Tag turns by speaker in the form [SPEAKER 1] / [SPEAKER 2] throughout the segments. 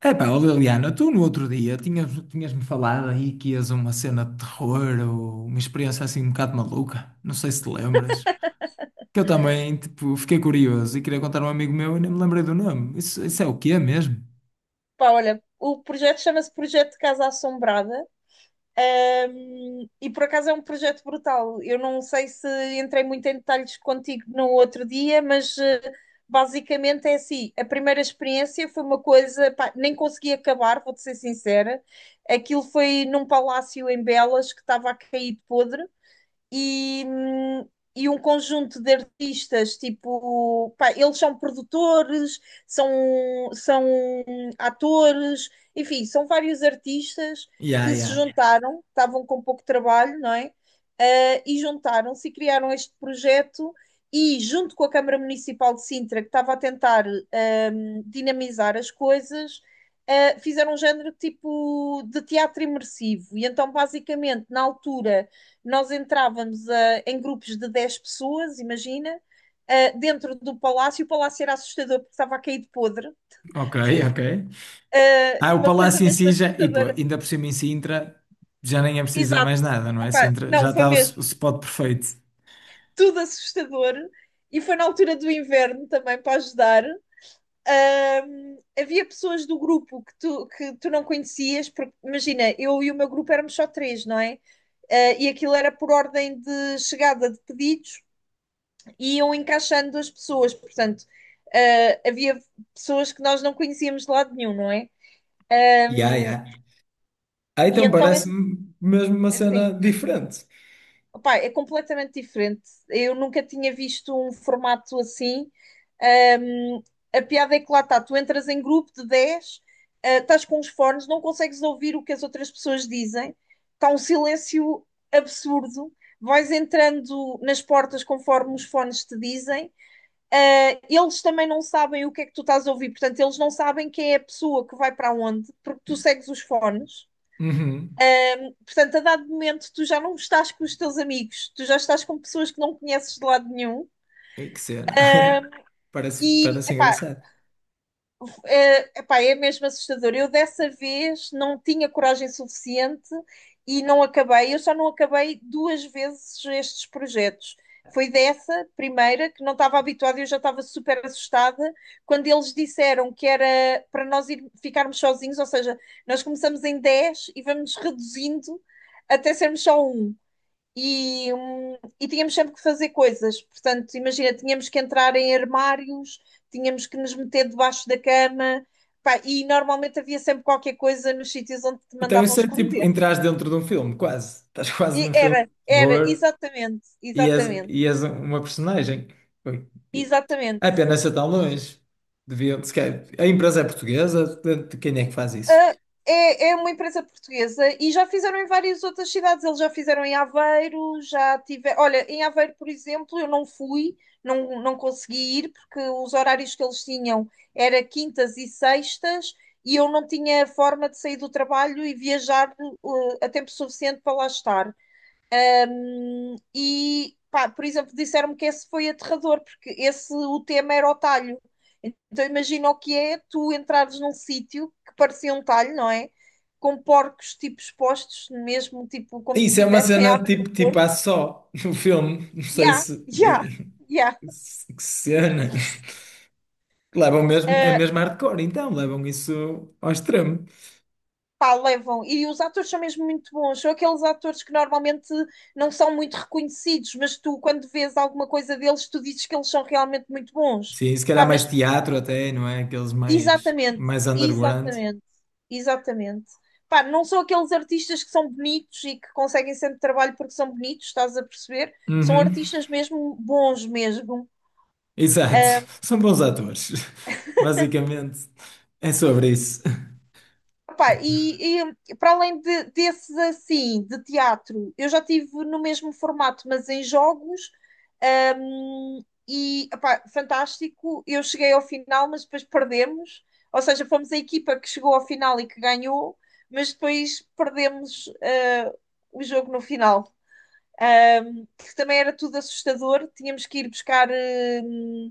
[SPEAKER 1] Epá, ó Liliana, tu no outro dia tinhas-me falado aí que ias a uma cena de terror ou uma experiência assim um bocado maluca. Não sei se te lembras. Que eu também, tipo, fiquei curioso e queria contar a um amigo meu e nem me lembrei do nome. Isso é o quê mesmo?
[SPEAKER 2] Pá, olha, o projeto chama-se Projeto Casa Assombrada, e por acaso é um projeto brutal. Eu não sei se entrei muito em detalhes contigo no outro dia, mas basicamente é assim: a primeira experiência foi uma coisa, pá, nem consegui acabar, vou-te ser sincera. Aquilo foi num palácio em Belas que estava a cair de podre e, e um conjunto de artistas, tipo, pá, eles são produtores, são, são atores, enfim, são vários artistas
[SPEAKER 1] Yeah,
[SPEAKER 2] que se
[SPEAKER 1] yeah.
[SPEAKER 2] juntaram, estavam com pouco trabalho, não é? E juntaram-se e criaram este projeto. E junto com a Câmara Municipal de Sintra, que estava a tentar dinamizar as coisas, fizeram um género tipo de teatro imersivo. E então, basicamente, na altura, nós entrávamos em grupos de 10 pessoas, imagina, dentro do palácio. O palácio era assustador porque estava a cair de podre.
[SPEAKER 1] Ok, ok. Ah, o
[SPEAKER 2] Uma coisa
[SPEAKER 1] Palácio em
[SPEAKER 2] mesmo
[SPEAKER 1] Sintra, e pô,
[SPEAKER 2] assustadora.
[SPEAKER 1] ainda por cima em Sintra, já nem é preciso dizer
[SPEAKER 2] Exato.
[SPEAKER 1] mais nada, não é?
[SPEAKER 2] Epá,
[SPEAKER 1] Sintra,
[SPEAKER 2] não,
[SPEAKER 1] já
[SPEAKER 2] foi
[SPEAKER 1] está o
[SPEAKER 2] mesmo
[SPEAKER 1] spot perfeito.
[SPEAKER 2] tudo assustador. E foi na altura do inverno também para ajudar. Havia pessoas do grupo que tu, não conhecias, porque imagina, eu e o meu grupo éramos só três, não é? E aquilo era por ordem de chegada de pedidos e iam encaixando as pessoas. Portanto, havia pessoas que nós não conhecíamos de lado nenhum, não é?
[SPEAKER 1] Yeah,
[SPEAKER 2] Um,
[SPEAKER 1] yeah. Ah,
[SPEAKER 2] e
[SPEAKER 1] então
[SPEAKER 2] então, é
[SPEAKER 1] parece-me mesmo uma cena
[SPEAKER 2] assim,
[SPEAKER 1] diferente.
[SPEAKER 2] opa, é completamente diferente. Eu nunca tinha visto um formato assim. Um, a piada é que lá está, tu entras em grupo de 10, estás com os fones, não consegues ouvir o que as outras pessoas dizem, está um silêncio absurdo. Vais entrando nas portas conforme os fones te dizem. Eles também não sabem o que é que tu estás a ouvir, portanto, eles não sabem quem é a pessoa que vai para onde, porque tu segues os fones.
[SPEAKER 1] Uhum.
[SPEAKER 2] Portanto, a dado momento, tu já não estás com os teus amigos, tu já estás com pessoas que não conheces de lado nenhum.
[SPEAKER 1] Ei, que cena. Parece,
[SPEAKER 2] E,
[SPEAKER 1] parece
[SPEAKER 2] epá,
[SPEAKER 1] engraçado.
[SPEAKER 2] é mesmo assustador. Eu dessa vez não tinha coragem suficiente e não acabei. Eu só não acabei duas vezes estes projetos. Foi dessa primeira que não estava habituada, eu já estava super assustada quando eles disseram que era para nós ir, ficarmos sozinhos, ou seja, nós começamos em 10 e vamos reduzindo até sermos só um e tínhamos sempre que fazer coisas. Portanto, imagina, tínhamos que entrar em armários, tínhamos que nos meter debaixo da cama, pá, e normalmente havia sempre qualquer coisa nos sítios onde te
[SPEAKER 1] Então
[SPEAKER 2] mandavam
[SPEAKER 1] isso é tipo,
[SPEAKER 2] esconder.
[SPEAKER 1] entras dentro de um filme, quase. Estás quase
[SPEAKER 2] E
[SPEAKER 1] num
[SPEAKER 2] era,
[SPEAKER 1] filme de terror
[SPEAKER 2] exatamente,
[SPEAKER 1] e és,
[SPEAKER 2] exatamente,
[SPEAKER 1] e és uma personagem. Ui. É
[SPEAKER 2] exatamente.
[SPEAKER 1] pena ser tão longe. Devia, se calhar- a empresa é portuguesa, de quem é que faz isso?
[SPEAKER 2] Ah, é uma empresa portuguesa e já fizeram em várias outras cidades. Eles já fizeram em Aveiro, já tive. Olha, em Aveiro, por exemplo, eu não fui, não, não consegui ir, porque os horários que eles tinham era quintas e sextas e eu não tinha forma de sair do trabalho e viajar, a tempo suficiente para lá estar. Pá, por exemplo, disseram-me que esse foi aterrador, porque esse, o tema era o talho. Então imagina o que é tu entrares num sítio que parecia um talho, não é? Com porcos, tipo, expostos, mesmo, tipo, como se
[SPEAKER 1] Isso é uma
[SPEAKER 2] estivessem a
[SPEAKER 1] cena
[SPEAKER 2] abrir o
[SPEAKER 1] tipo,
[SPEAKER 2] porco.
[SPEAKER 1] há só no filme. Não sei
[SPEAKER 2] Ya,
[SPEAKER 1] se...
[SPEAKER 2] ya, ya.
[SPEAKER 1] Que cena. Levam mesmo, é
[SPEAKER 2] Uh,
[SPEAKER 1] mesmo hardcore, então, levam isso ao extremo.
[SPEAKER 2] Pá, levam. E os atores são mesmo muito bons. São aqueles atores que normalmente não são muito reconhecidos, mas tu, quando vês alguma coisa deles, tu dizes que eles são realmente muito bons.
[SPEAKER 1] Sim, se calhar
[SPEAKER 2] Pá,
[SPEAKER 1] mais
[SPEAKER 2] mas
[SPEAKER 1] teatro até, não é? Aqueles mais,
[SPEAKER 2] Exatamente,
[SPEAKER 1] mais underground.
[SPEAKER 2] exatamente, exatamente. Pá, não são aqueles artistas que são bonitos e que conseguem sempre trabalho porque são bonitos, estás a perceber? São
[SPEAKER 1] Uhum.
[SPEAKER 2] artistas mesmo bons mesmo.
[SPEAKER 1] Exato. São bons atores. Basicamente, é sobre isso.
[SPEAKER 2] Pá, e para além desses assim, de teatro, eu já tive no mesmo formato, mas em jogos, e pá, fantástico. Eu cheguei ao final, mas depois perdemos. Ou seja, fomos a equipa que chegou ao final e que ganhou, mas depois perdemos, o jogo no final. Que também era tudo assustador, tínhamos que ir hum,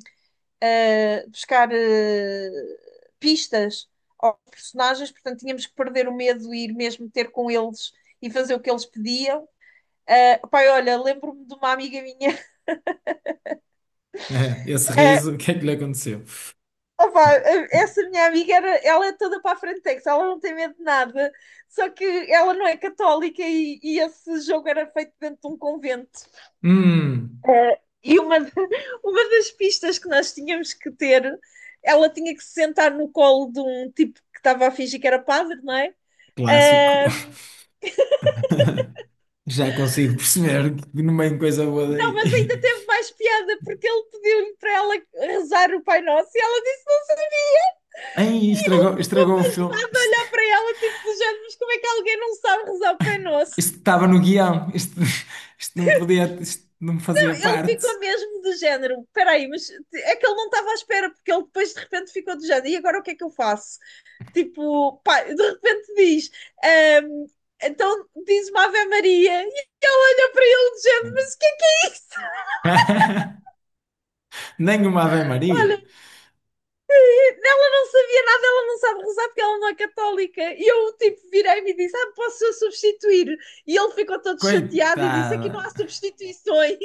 [SPEAKER 2] buscar pistas aos personagens, portanto tínhamos que perder o medo e ir mesmo ter com eles e fazer o que eles pediam. Pai, olha, lembro-me de uma amiga minha.
[SPEAKER 1] É, esse
[SPEAKER 2] Uh,
[SPEAKER 1] riso, o que é que lhe aconteceu?
[SPEAKER 2] Essa minha amiga era, ela é toda para a frentex, ela não tem medo de nada, só que ela não é católica e esse jogo era feito dentro de um convento.
[SPEAKER 1] Hum.
[SPEAKER 2] E uma, uma das pistas que nós tínhamos que ter, ela tinha que se sentar no colo de um tipo que estava a fingir que era padre, não é?
[SPEAKER 1] Clássico.
[SPEAKER 2] Ah,
[SPEAKER 1] Já consigo perceber que não vem coisa boa
[SPEAKER 2] não,
[SPEAKER 1] daí.
[SPEAKER 2] mas ainda teve mais piada porque ele pediu-lhe para ela rezar o Pai Nosso e ela disse que não sabia.
[SPEAKER 1] Ai,
[SPEAKER 2] E ele
[SPEAKER 1] estragou,
[SPEAKER 2] ficou
[SPEAKER 1] estragou o filme.
[SPEAKER 2] pasmado a
[SPEAKER 1] Isto,
[SPEAKER 2] olhar para ela tipo do género, mas como é que alguém não sabe rezar o Pai Nosso?
[SPEAKER 1] isto estava no guião. Isto, isto não podia, isto não
[SPEAKER 2] Não,
[SPEAKER 1] fazia
[SPEAKER 2] ele
[SPEAKER 1] parte.
[SPEAKER 2] ficou mesmo do género, peraí, mas é que ele não estava à espera porque ele depois de repente ficou do género e agora o que é que eu faço? Tipo, pá, de repente diz. ehm, então diz uma Ave Maria e ele olha para ele dizendo mas o que é isso?
[SPEAKER 1] Nem uma Ave Maria.
[SPEAKER 2] Olha, ela não sabia nada, ela não sabe rezar porque ela não é católica. E eu tipo virei-me e disse, ah, posso eu substituir? E ele ficou todo chateado e disse, aqui
[SPEAKER 1] Coitada.
[SPEAKER 2] não há substituições.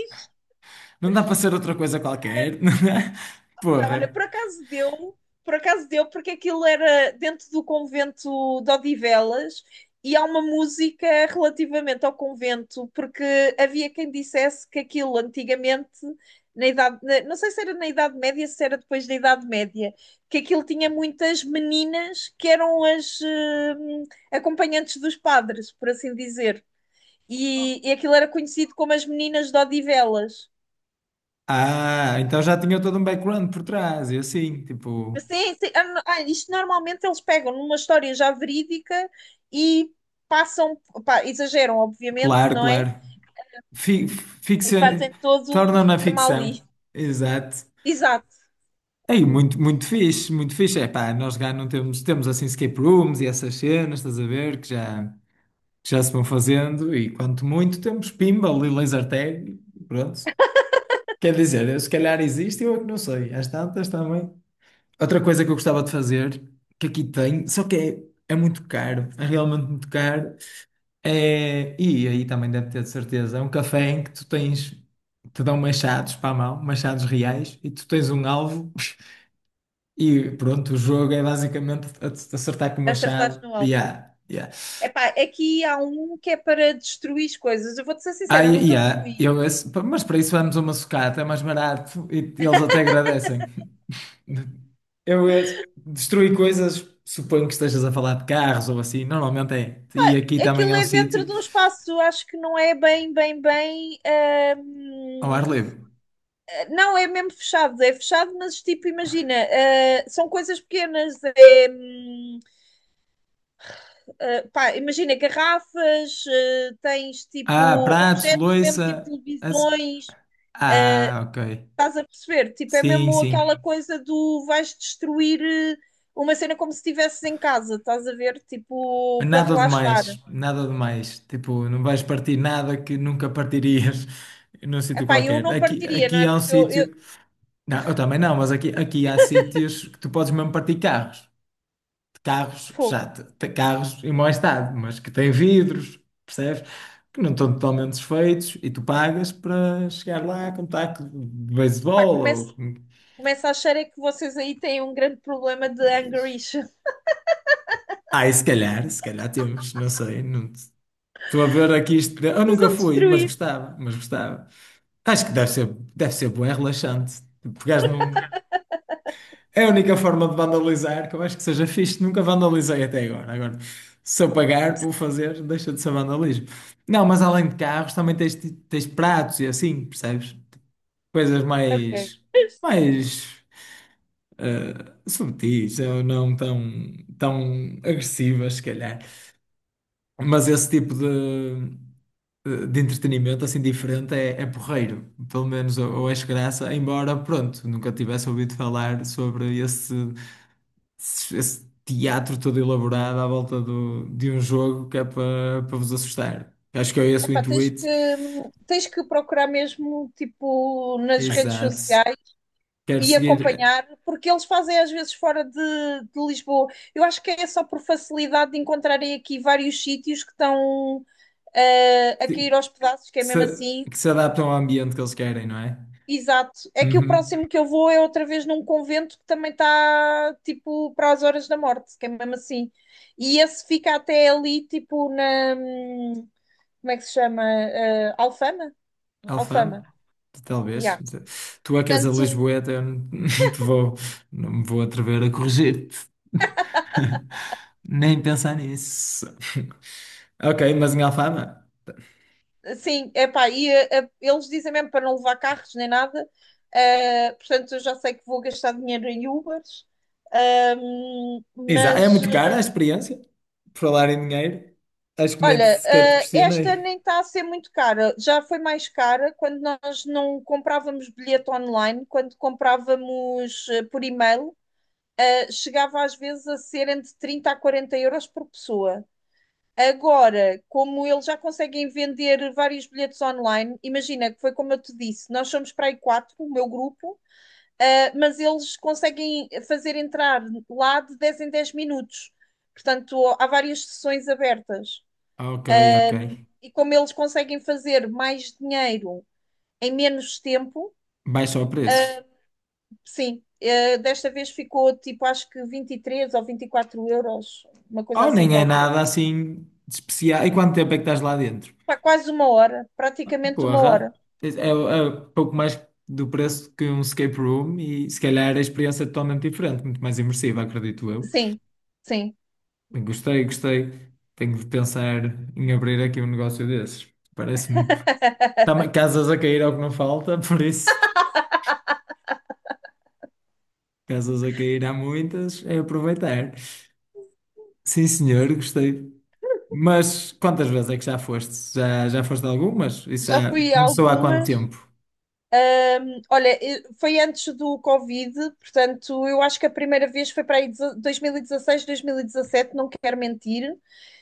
[SPEAKER 1] Não dá para ser outra coisa qualquer.
[SPEAKER 2] Pá, olha,
[SPEAKER 1] Porra.
[SPEAKER 2] por acaso deu, porque aquilo era dentro do convento de Odivelas e há uma música relativamente ao convento, porque havia quem dissesse que aquilo antigamente, não sei se era na Idade Média, se era depois da Idade Média, que aquilo tinha muitas meninas que eram as acompanhantes dos padres, por assim dizer. E aquilo era conhecido como as meninas de Odivelas.
[SPEAKER 1] Ah, então já tinha todo um background por trás. E assim tipo,
[SPEAKER 2] Sim, sim. Isto normalmente eles pegam numa história já verídica e passam, pá, exageram, obviamente,
[SPEAKER 1] claro,
[SPEAKER 2] não é?
[SPEAKER 1] claro. Fi-
[SPEAKER 2] E
[SPEAKER 1] Ficção,
[SPEAKER 2] fazem todo um
[SPEAKER 1] torna-na
[SPEAKER 2] esquema
[SPEAKER 1] ficção.
[SPEAKER 2] ali.
[SPEAKER 1] Exato.
[SPEAKER 2] Exato,
[SPEAKER 1] Aí, muito, muito fixe, muito fixe. É pá, nós já não temos, assim escape rooms e essas cenas, estás a ver, que já se vão fazendo. E quanto muito temos pinball e laser tag, e pronto. Quer dizer, se calhar existe, eu é que não sei. Às tantas também. Outra coisa que eu gostava de fazer, que aqui tem, só que é muito caro, é realmente muito caro, e aí também deve ter de certeza, é um café em que te dão machados para a mão, machados reais, e tu tens um alvo, e pronto, o jogo é basicamente acertar com o
[SPEAKER 2] acertaste
[SPEAKER 1] machado,
[SPEAKER 2] no
[SPEAKER 1] e
[SPEAKER 2] alvo.
[SPEAKER 1] há, e há.
[SPEAKER 2] Epá, aqui há um que é para destruir as coisas. Eu vou-te ser
[SPEAKER 1] Ah,
[SPEAKER 2] sincera, eu nunca
[SPEAKER 1] há,
[SPEAKER 2] fui.
[SPEAKER 1] mas para isso vamos a uma sucata, é mais barato, e eles até agradecem. Eu ia destruir coisas, suponho que estejas a falar de carros ou assim, normalmente é. E aqui também é
[SPEAKER 2] Aquilo
[SPEAKER 1] um
[SPEAKER 2] é dentro
[SPEAKER 1] sítio
[SPEAKER 2] de um espaço, acho que não é bem, bem, bem.
[SPEAKER 1] ao
[SPEAKER 2] hum,
[SPEAKER 1] ar livre.
[SPEAKER 2] não, é mesmo fechado, é fechado, mas tipo, imagina, são coisas pequenas. É, pá, imagina garrafas, tens
[SPEAKER 1] Ah,
[SPEAKER 2] tipo
[SPEAKER 1] pratos,
[SPEAKER 2] objetos, mesmo tipo
[SPEAKER 1] louça. as-
[SPEAKER 2] televisões,
[SPEAKER 1] Ah, ok.
[SPEAKER 2] estás a perceber? Tipo, é
[SPEAKER 1] Sim,
[SPEAKER 2] mesmo
[SPEAKER 1] sim.
[SPEAKER 2] aquela coisa do vais destruir uma cena como se estivesses em casa, estás a ver? Tipo, para
[SPEAKER 1] Nada
[SPEAKER 2] relaxar.
[SPEAKER 1] demais, nada demais. Tipo, não vais partir nada que nunca partirias num sítio
[SPEAKER 2] Epá, eu
[SPEAKER 1] qualquer.
[SPEAKER 2] não
[SPEAKER 1] Aqui,
[SPEAKER 2] partiria, não
[SPEAKER 1] aqui
[SPEAKER 2] é?
[SPEAKER 1] há um
[SPEAKER 2] Porque eu
[SPEAKER 1] sítio. Não, eu também não, mas aqui há sítios que tu podes mesmo partir carros. Carros que
[SPEAKER 2] pô,
[SPEAKER 1] já te- te- carros em mau estado, mas que têm vidros, percebes? Que não estão totalmente desfeitos e tu pagas para chegar lá com um taco de
[SPEAKER 2] pá,
[SPEAKER 1] beisebol ou
[SPEAKER 2] começo,
[SPEAKER 1] com-
[SPEAKER 2] começo a achar é que vocês aí têm um grande problema de anger issue.
[SPEAKER 1] Ah, e se calhar temos, não sei, não te- estou a ver aqui isto. Eu nunca
[SPEAKER 2] Precisam
[SPEAKER 1] fui, mas
[SPEAKER 2] destruir.
[SPEAKER 1] gostava, mas gostava. Acho que deve ser bom, é relaxante. Pegares num, é a única forma de vandalizar que eu acho que seja fixe. Nunca vandalizei até agora. Agora, se eu pagar por fazer, deixa de ser vandalismo. Não, mas além de carros, também tens pratos e assim, percebes? Coisas
[SPEAKER 2] Ok.
[SPEAKER 1] mais subtis ou não tão agressivas, se calhar. Mas esse tipo de entretenimento assim diferente é porreiro. Pelo menos eu acho graça, embora, pronto, nunca tivesse ouvido falar sobre esse teatro todo elaborado à volta de um jogo que é para vos assustar. Acho que é esse o
[SPEAKER 2] Epá, tens
[SPEAKER 1] intuito.
[SPEAKER 2] que, tens que procurar mesmo, tipo, nas redes
[SPEAKER 1] Exato.
[SPEAKER 2] sociais
[SPEAKER 1] Quero
[SPEAKER 2] e
[SPEAKER 1] seguir
[SPEAKER 2] acompanhar, porque eles fazem às vezes fora de Lisboa. Eu acho que é só por facilidade de encontrarem aqui vários sítios que estão a
[SPEAKER 1] que
[SPEAKER 2] cair aos pedaços, que é
[SPEAKER 1] se,
[SPEAKER 2] mesmo assim.
[SPEAKER 1] se adaptam ao ambiente que eles querem, não é?
[SPEAKER 2] Exato. É que o
[SPEAKER 1] Uhum.
[SPEAKER 2] próximo que eu vou é outra vez num convento que também está tipo para as horas da morte, que é mesmo assim. E esse fica até ali, tipo, na. Como é que se chama? Alfama? Alfama.
[SPEAKER 1] Alfama? Talvez.
[SPEAKER 2] Yeah.
[SPEAKER 1] Tu é que és a
[SPEAKER 2] Portanto,
[SPEAKER 1] Lisboeta, eu não te vou, não me vou atrever a corrigir-te. Nem pensar nisso. Ok, mas em Alfama?
[SPEAKER 2] sim, epá, e eles dizem mesmo para não levar carros nem nada, portanto eu já sei que vou gastar dinheiro em Ubers.
[SPEAKER 1] Exato. É
[SPEAKER 2] Mas
[SPEAKER 1] muito cara a experiência, por falar em dinheiro. Acho que nem
[SPEAKER 2] olha,
[SPEAKER 1] sequer te
[SPEAKER 2] esta
[SPEAKER 1] questionei.
[SPEAKER 2] nem está a ser muito cara, já foi mais cara quando nós não comprávamos bilhete online, quando comprávamos por e-mail, chegava às vezes a ser entre 30 a 40 euros por pessoa. Agora, como eles já conseguem vender vários bilhetes online, imagina que foi como eu te disse, nós somos para aí quatro, o meu grupo, mas eles conseguem fazer entrar lá de 10 em 10 minutos. Portanto, há várias sessões abertas.
[SPEAKER 1] Ok, ok.
[SPEAKER 2] E como eles conseguem fazer mais dinheiro em menos tempo,
[SPEAKER 1] Baixa o preço.
[SPEAKER 2] sim, desta vez ficou tipo, acho que 23 ou 24 euros, uma coisa
[SPEAKER 1] Oh,
[SPEAKER 2] assim
[SPEAKER 1] nem é
[SPEAKER 2] qualquer.
[SPEAKER 1] nada assim de especial. E quanto tempo é que estás lá dentro?
[SPEAKER 2] Pá, quase uma hora, praticamente uma hora.
[SPEAKER 1] Porra, é pouco mais do preço que um escape room e se calhar a experiência é totalmente diferente, muito mais imersiva, acredito eu.
[SPEAKER 2] Sim, sim.
[SPEAKER 1] Bem, gostei, gostei. Tenho de pensar em abrir aqui um negócio desses. Parece-me. Também casas a cair ao que não falta, por isso casas a cair há muitas, é aproveitar. Sim, senhor, gostei. Mas quantas vezes é que já foste? Já foste algumas? Isso
[SPEAKER 2] Já
[SPEAKER 1] já
[SPEAKER 2] fui a
[SPEAKER 1] começou há quanto
[SPEAKER 2] algumas.
[SPEAKER 1] tempo?
[SPEAKER 2] Olha, foi antes do Covid, portanto, eu acho que a primeira vez foi para aí 2016, 2017, não quero mentir.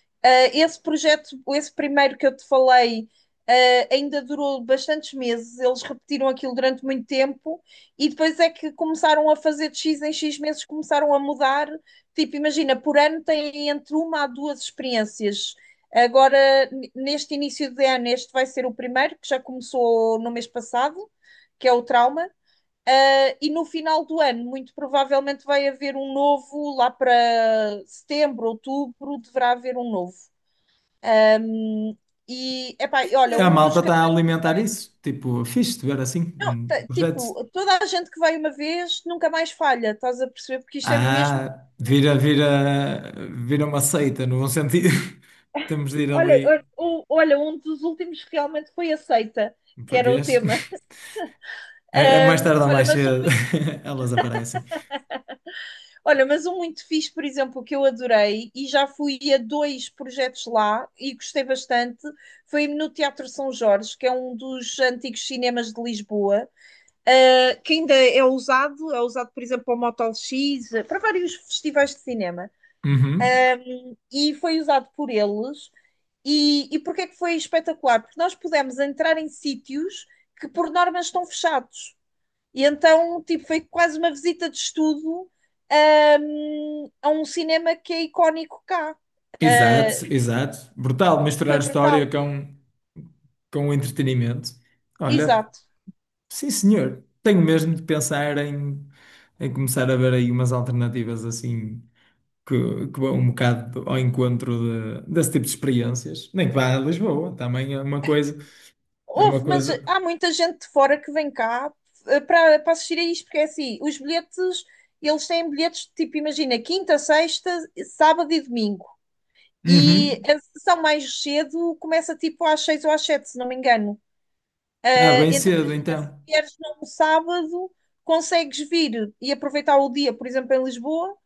[SPEAKER 2] Esse projeto, esse primeiro que eu te falei, ainda durou bastantes meses. Eles repetiram aquilo durante muito tempo e depois é que começaram a fazer de X em X meses, começaram a mudar. Tipo, imagina, por ano têm entre uma a duas experiências. Agora, neste início de ano, este vai ser o primeiro, que já começou no mês passado, que é o trauma. E no final do ano, muito provavelmente vai haver um novo, lá para setembro, outubro, deverá haver um novo. Hum, E, epá, e olha,
[SPEAKER 1] A
[SPEAKER 2] um dos
[SPEAKER 1] malta
[SPEAKER 2] que
[SPEAKER 1] está a alimentar isso. Tipo, fixe de ver assim,
[SPEAKER 2] não,
[SPEAKER 1] um projeto.
[SPEAKER 2] tipo, toda a gente que vai uma vez nunca mais falha, estás a perceber? Porque isto é mesmo.
[SPEAKER 1] Ah, vira, vira uma seita, no bom sentido. Temos de ir
[SPEAKER 2] Olha,
[SPEAKER 1] ali
[SPEAKER 2] olha, olha, um dos últimos que realmente foi aceita, que
[SPEAKER 1] para
[SPEAKER 2] era o
[SPEAKER 1] vês.
[SPEAKER 2] tema.
[SPEAKER 1] Mais
[SPEAKER 2] Ahm,
[SPEAKER 1] tarde ou
[SPEAKER 2] olha,
[SPEAKER 1] mais
[SPEAKER 2] mas um
[SPEAKER 1] cedo,
[SPEAKER 2] muito,
[SPEAKER 1] elas aparecem.
[SPEAKER 2] olha, mas um muito fixe, por exemplo, que eu adorei e já fui a dois projetos lá e gostei bastante, foi no Teatro São Jorge, que é um dos antigos cinemas de Lisboa. Que ainda é usado, por exemplo, para o Motel X, para vários festivais de cinema,
[SPEAKER 1] Uhum.
[SPEAKER 2] e foi usado por eles. E porquê é que foi espetacular? Porque nós pudemos entrar em sítios que, por norma, estão fechados. E então, tipo, foi quase uma visita de estudo a um cinema que é icónico cá.
[SPEAKER 1] Exato,
[SPEAKER 2] Uh,
[SPEAKER 1] exato. Brutal misturar
[SPEAKER 2] Foi brutal.
[SPEAKER 1] história com o entretenimento. Olha,
[SPEAKER 2] Exato.
[SPEAKER 1] sim senhor, tenho mesmo de pensar em começar a ver aí umas alternativas assim que, que vão um bocado ao encontro desse tipo de experiências. Nem que vá a Lisboa, também é uma coisa, é uma
[SPEAKER 2] Houve, mas
[SPEAKER 1] coisa.
[SPEAKER 2] há muita gente de fora que vem cá para assistir a isto, porque é assim, os bilhetes, eles têm bilhetes de tipo, imagina, quinta, sexta, sábado e domingo. E
[SPEAKER 1] Uhum.
[SPEAKER 2] a sessão mais cedo começa tipo às seis ou às sete, se não me engano.
[SPEAKER 1] Ah, bem
[SPEAKER 2] Então
[SPEAKER 1] cedo
[SPEAKER 2] imagina, se
[SPEAKER 1] então.
[SPEAKER 2] vieres num sábado, consegues vir e aproveitar o dia, por exemplo, em Lisboa,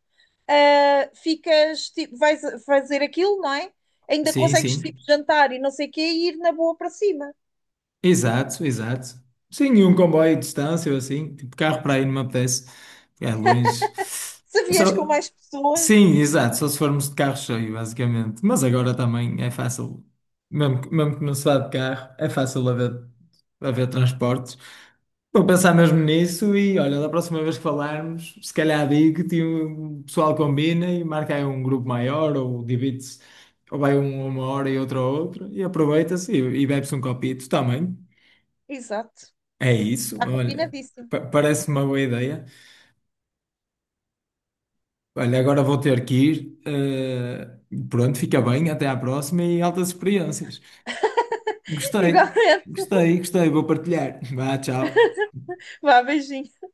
[SPEAKER 2] ficas, tipo, fazer aquilo, não é? Ainda
[SPEAKER 1] Sim,
[SPEAKER 2] consegues
[SPEAKER 1] sim.
[SPEAKER 2] tipo jantar e não sei o quê e ir na boa para cima.
[SPEAKER 1] Exato, exato. Sim, e um comboio de distância ou assim, tipo carro para aí não me apetece. É longe.
[SPEAKER 2] Se vieres com
[SPEAKER 1] Só.
[SPEAKER 2] mais pessoas,
[SPEAKER 1] Sim, exato, só se formos de carro cheio, basicamente. Mas agora também é fácil, mesmo, mesmo que não se vá de carro, é fácil haver transportes. Vou pensar mesmo nisso e olha, da próxima vez que falarmos, se calhar digo-te, e o pessoal combina e marca aí um grupo maior ou divide-se, ou vai um a uma hora e outro a outra e aproveita-se e bebe-se um copito também.
[SPEAKER 2] exato.
[SPEAKER 1] É isso,
[SPEAKER 2] Está
[SPEAKER 1] olha,
[SPEAKER 2] combinadíssimo.
[SPEAKER 1] parece uma boa ideia. Olha, agora vou ter que ir. Pronto, fica bem. Até à próxima e altas experiências. Gostei,
[SPEAKER 2] Igualmente.
[SPEAKER 1] gostei, gostei. Vou partilhar. Vá, tchau.
[SPEAKER 2] Vá, beijinho.